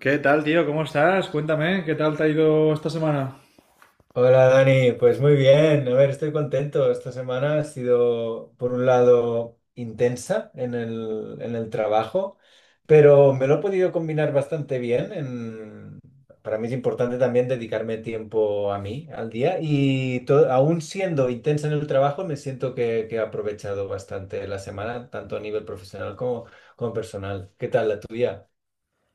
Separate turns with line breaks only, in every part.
¿Qué tal, tío? ¿Cómo estás? Cuéntame, ¿qué tal te ha ido esta semana?
Hola Dani, pues muy bien, a ver, estoy contento. Esta semana ha sido, por un lado, intensa en el trabajo, pero me lo he podido combinar bastante bien. Para mí es importante también dedicarme tiempo a mí, al día, y aún siendo intensa en el trabajo, me siento que he aprovechado bastante la semana, tanto a nivel profesional como, como personal. ¿Qué tal la tuya?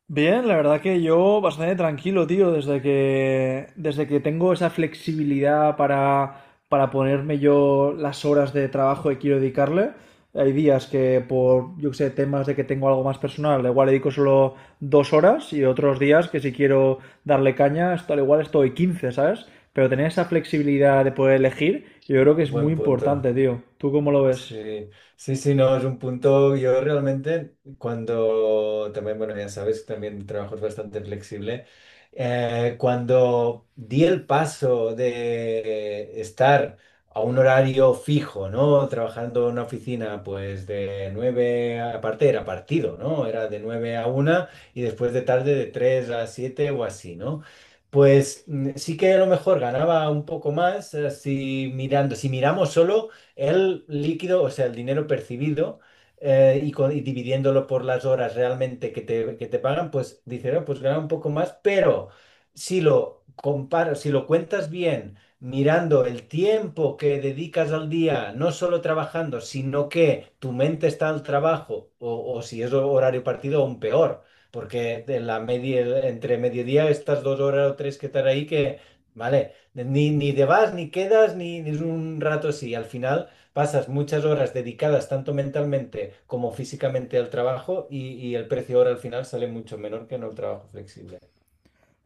Bien, la verdad que yo bastante tranquilo, tío, desde que tengo esa flexibilidad para ponerme yo las horas de trabajo que quiero dedicarle. Hay días que por, yo qué sé, temas de que tengo algo más personal, igual le dedico solo 2 horas y otros días que si quiero darle caña, al igual estoy 15, ¿sabes? Pero tener esa flexibilidad de poder elegir, yo creo que es muy
Buen punto.
importante, tío. ¿Tú cómo lo ves?
Sí, sí, sí, no, es un punto. Yo realmente, cuando también, bueno, ya sabes, también trabajo es bastante flexible. Cuando di el paso de estar a un horario fijo, ¿no? Trabajando en una oficina, pues de aparte era partido, ¿no? Era de nueve a una y después de tarde de 3 a 7 o así, ¿no? Pues sí que a lo mejor ganaba un poco más, si mirando, si miramos solo el líquido, o sea, el dinero percibido, y dividiéndolo por las horas realmente que te pagan, pues dice, "Ah, pues gana un poco más, pero si lo comparas, si lo cuentas bien, mirando el tiempo que dedicas al día, no solo trabajando, sino que tu mente está al trabajo, o si es horario partido, aún peor. Porque de la media, entre mediodía, estas dos horas o tres que están ahí, que, vale, ni te vas, ni quedas, ni es un rato así. Al final, pasas muchas horas dedicadas tanto mentalmente como físicamente al trabajo y el precio ahora al final sale mucho menor que en el trabajo flexible.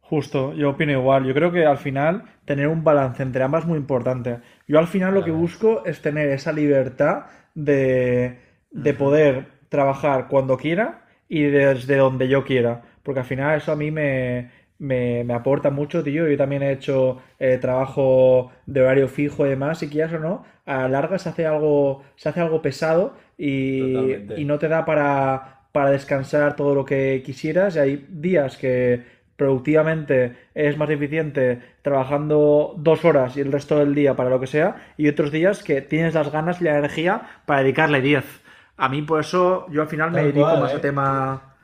Justo, yo opino igual. Yo creo que al final tener un balance entre ambas es muy importante. Yo al final lo que
Clave.
busco es tener esa libertad de, de
Ujú.
poder trabajar cuando quiera y desde donde yo quiera. Porque al final eso a mí me aporta mucho, tío. Yo también he hecho trabajo de horario fijo y demás, y quieras o no, a la larga se hace algo pesado y no
Totalmente.
te da para descansar todo lo que quisieras. Y hay días que productivamente es más eficiente trabajando 2 horas y el resto del día para lo que sea, y otros días que tienes las ganas y la energía para dedicarle 10. A mí por eso yo al final me
Tal
dedico
cual,
más a
¿eh?
tema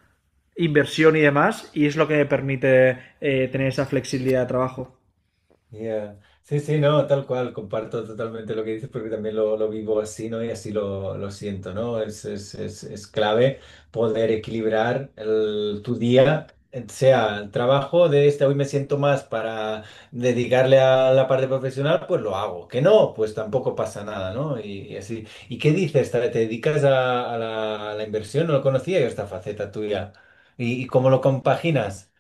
inversión y demás, y es lo que me permite tener esa flexibilidad de trabajo.
Ya. Sí, sí, no, tal cual, comparto totalmente lo que dices porque también lo vivo así, ¿no? Y así lo siento, ¿no? Es clave poder equilibrar tu día, sea el trabajo de este, hoy me siento más para dedicarle a la parte profesional, pues lo hago. Que no, pues tampoco pasa nada, ¿no? Y así. ¿Y qué dices? ¿Te dedicas a la inversión? No lo conocía yo esta faceta tuya. Y cómo lo compaginas?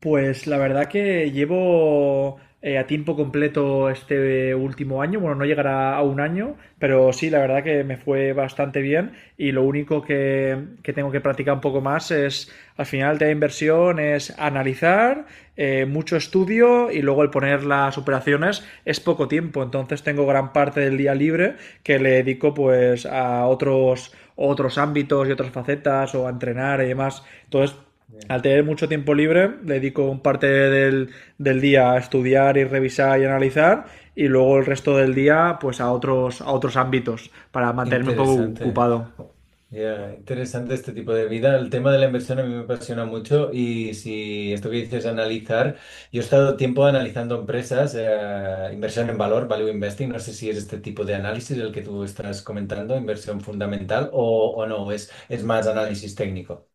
Pues la verdad que llevo a tiempo completo este último año, bueno, no llegará a un año, pero sí, la verdad que me fue bastante bien y lo único que tengo que practicar un poco más es, al final, el tema de la inversión es analizar mucho estudio y luego el poner las operaciones es poco tiempo. Entonces tengo gran parte del día libre que le dedico pues a otros ámbitos y otras facetas o a entrenar y demás. Entonces al tener mucho tiempo libre, le dedico un parte del día a estudiar y revisar y analizar y luego el resto del día pues a otros ámbitos para mantenerme un poco
Interesante.
ocupado.
Ya, interesante este tipo de vida. El tema de la inversión a mí me apasiona mucho y si esto que dices analizar, yo he estado tiempo analizando empresas, inversión en valor, value investing, no sé si es este tipo de análisis el que tú estás comentando, inversión fundamental o no, es más análisis técnico.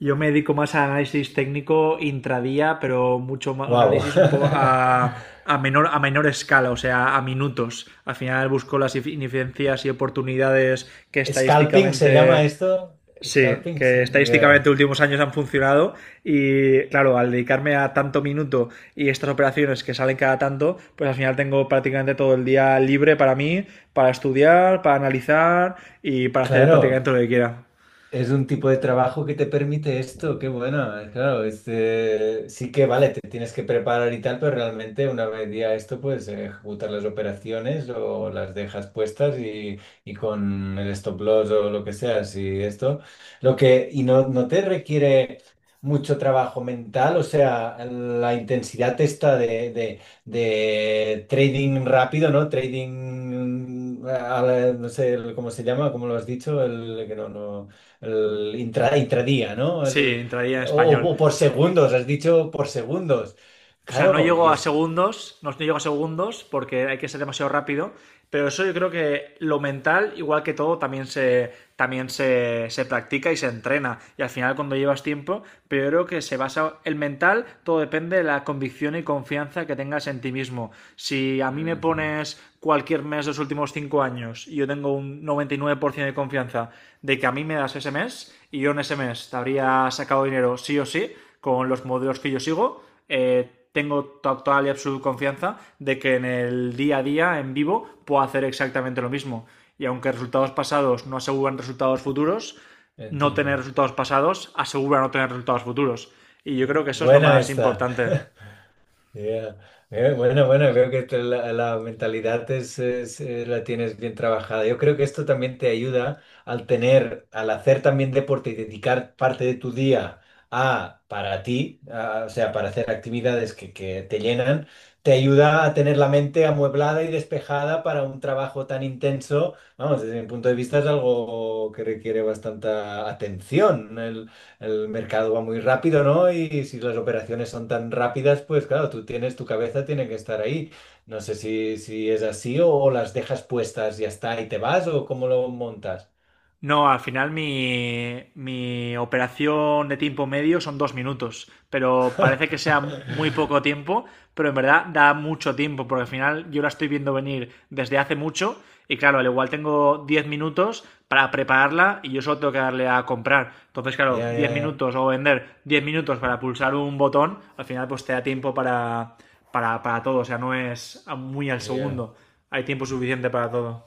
Yo me dedico más a análisis técnico intradía, pero mucho más, un
Wow.
análisis un poco a menor escala, o sea, a minutos. Al final busco las ineficiencias y oportunidades que
Scalping se llama
estadísticamente.
esto.
Sí,
Scalping,
que estadísticamente
yeah.
últimos años han funcionado y claro, al dedicarme a tanto minuto y estas operaciones que salen cada tanto, pues al final tengo prácticamente todo el día libre para mí, para estudiar, para analizar y para hacer
Claro.
prácticamente lo que quiera.
Es un tipo de trabajo que te permite esto, qué bueno, claro, este, sí que vale, te tienes que preparar y tal, pero realmente una vez ya esto, pues ejecutar las operaciones o las dejas puestas y con el stop loss o lo que sea, y esto, lo que, y no, no te requiere mucho trabajo mental, o sea, la intensidad esta de trading rápido, ¿no? Trading, a no sé cómo se llama, como lo has dicho, el que no, no el intradía, ¿no?
Sí, entraría en
O,
español.
o por segundos, has dicho por segundos.
O sea, no
Claro,
llego
y
a
es...
segundos, no llego a segundos porque hay que ser demasiado rápido, pero eso yo creo que lo mental, igual que todo, también se practica y se entrena. Y al final cuando llevas tiempo, pero yo creo que se basa el mental, todo depende de la convicción y confianza que tengas en ti mismo. Si a mí me
Ujú,
pones cualquier mes de los últimos 5 años y yo tengo un 99% de confianza de que a mí me das ese mes y yo en ese mes te habría sacado dinero sí o sí, con los modelos que yo sigo. Tengo total y absoluta confianza de que en el día a día, en vivo, puedo hacer exactamente lo mismo. Y aunque resultados pasados no aseguran resultados futuros, no tener
entiendo.
resultados pasados asegura no tener resultados futuros. Y yo creo que eso es lo
Buena
más
esta.
importante.
Ya. Bueno, bueno, creo que la mentalidad es, la tienes bien trabajada. Yo creo que esto también te ayuda al tener, al hacer también deporte y dedicar parte de tu día a para ti, o sea, para hacer actividades que te llenan, te ayuda a tener la mente amueblada y despejada para un trabajo tan intenso. Vamos, desde mi punto de vista es algo que requiere bastante atención, el mercado va muy rápido, ¿no? Y si las operaciones son tan rápidas, pues claro, tú tienes, tu cabeza tiene que estar ahí. No sé si, si es así o las dejas puestas, ya está, y te vas o cómo lo montas.
No, al final mi operación de tiempo medio son 2 minutos, pero parece que sea muy poco tiempo, pero en verdad da mucho tiempo, porque al final yo la estoy viendo venir desde hace mucho y claro, al igual tengo 10 minutos para prepararla y yo solo tengo que darle a comprar. Entonces, claro,
Ya,
10
ya, ya.
minutos o vender 10 minutos para pulsar un botón, al final pues te da tiempo para todo, o sea, no es muy al
Ya.
segundo, hay tiempo suficiente para todo,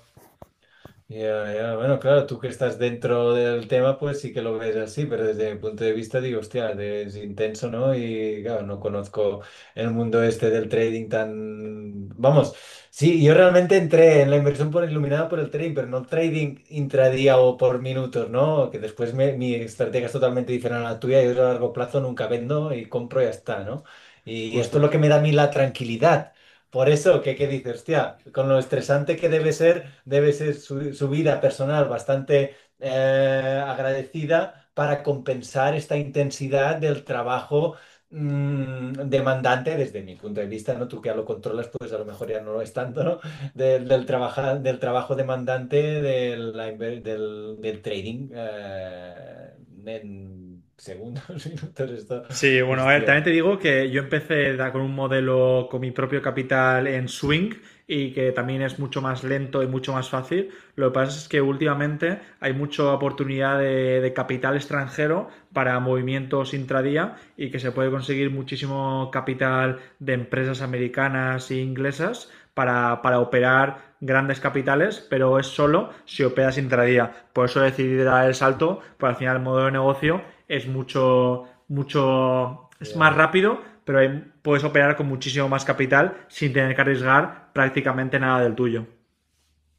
Ya, ya. Bueno, claro, tú que estás dentro del tema, pues sí que lo ves así, pero desde mi punto de vista digo, hostia, es intenso, ¿no? Y claro, no conozco el mundo este del trading tan... Vamos, sí, yo realmente entré en la inversión por iluminada por el trading, pero no trading intradía o por minutos, ¿no? Que después mi estrategia es totalmente diferente a la tuya, yo a largo plazo nunca vendo y compro y ya está, ¿no? Y esto es
justo.
lo que me da a mí la tranquilidad. Por eso, qué dices, hostia, con lo estresante que debe ser su vida personal bastante agradecida para compensar esta intensidad del trabajo demandante, desde mi punto de vista, ¿no? Tú que ya lo controlas, pues a lo mejor ya no lo es tanto, ¿no? Del trabajo demandante de la inver- del, del trading en segundos, minutos, esto,
Sí, bueno, a ver,
hostia,
también te digo que yo empecé con un modelo con mi propio capital en Swing y que también es mucho más lento y mucho más fácil. Lo que pasa es que últimamente hay mucha oportunidad de capital extranjero para movimientos intradía y que se puede conseguir muchísimo capital de empresas americanas e inglesas para operar grandes capitales, pero es solo si operas intradía. Por eso decidí dar el salto, porque al final el modelo de negocio es mucho, mucho, es más
ya,
rápido, pero puedes operar con muchísimo más capital sin tener que arriesgar prácticamente nada del tuyo.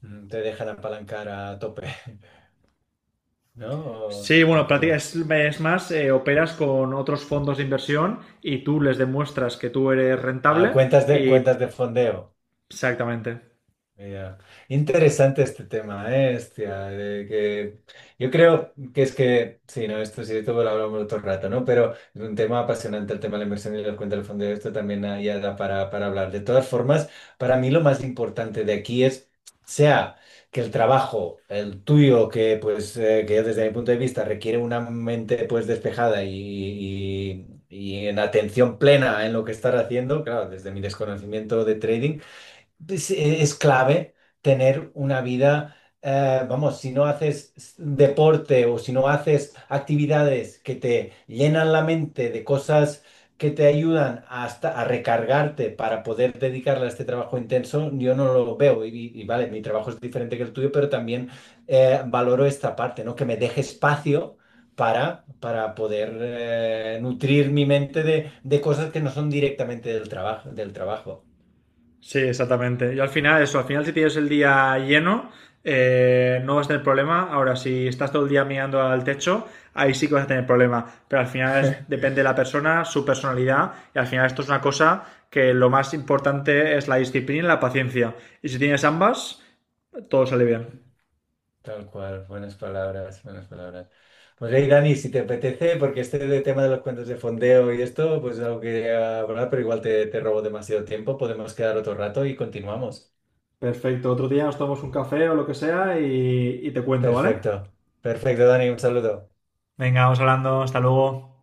mm, te dejan apalancar a tope. ¿No?
Sí,
O
bueno,
como,
es más, operas con otros fondos de inversión y tú les demuestras que tú eres
ah,
rentable
cuentas
y
de fondeo.
exactamente.
Ya. Interesante este tema, ¿eh? Hostia, de que yo creo que es que, sí, no, esto sí, esto lo hablamos otro rato, ¿no? Pero es un tema apasionante el tema de la inversión y la cuenta del fondo, esto también ah, ya da para hablar. De todas formas, para mí lo más importante de aquí es, sea que el trabajo, el tuyo, que pues, que desde mi punto de vista requiere una mente pues despejada y en atención plena en lo que estar haciendo, claro, desde mi desconocimiento de trading pues, es clave tener una vida, vamos, si no haces deporte o si no haces actividades que te llenan la mente de cosas que te ayudan hasta a recargarte para poder dedicarle a este trabajo intenso, yo no lo veo. Y, y vale, mi trabajo es diferente que el tuyo, pero también valoro esta parte, ¿no? Que me deje espacio. Para poder nutrir mi mente de cosas que no son directamente del trabajo, del trabajo.
Sí, exactamente. Yo al final, eso, al final si tienes el día lleno, no vas a tener problema. Ahora, si estás todo el día mirando al techo, ahí sí que vas a tener problema. Pero al final depende de la persona, su personalidad, y al final esto es una cosa que lo más importante es la disciplina y la paciencia. Y si tienes ambas, todo sale bien.
Tal cual, buenas palabras, buenas palabras. Pues hey, Dani, si te apetece, porque este de tema de los cuentos de fondeo y esto, pues es algo que quería hablar, pero igual te robo demasiado tiempo, podemos quedar otro rato y continuamos.
Perfecto, otro día nos tomamos un café o lo que sea y te cuento, ¿vale?
Perfecto, perfecto, Dani, un saludo.
Venga, vamos hablando, hasta luego.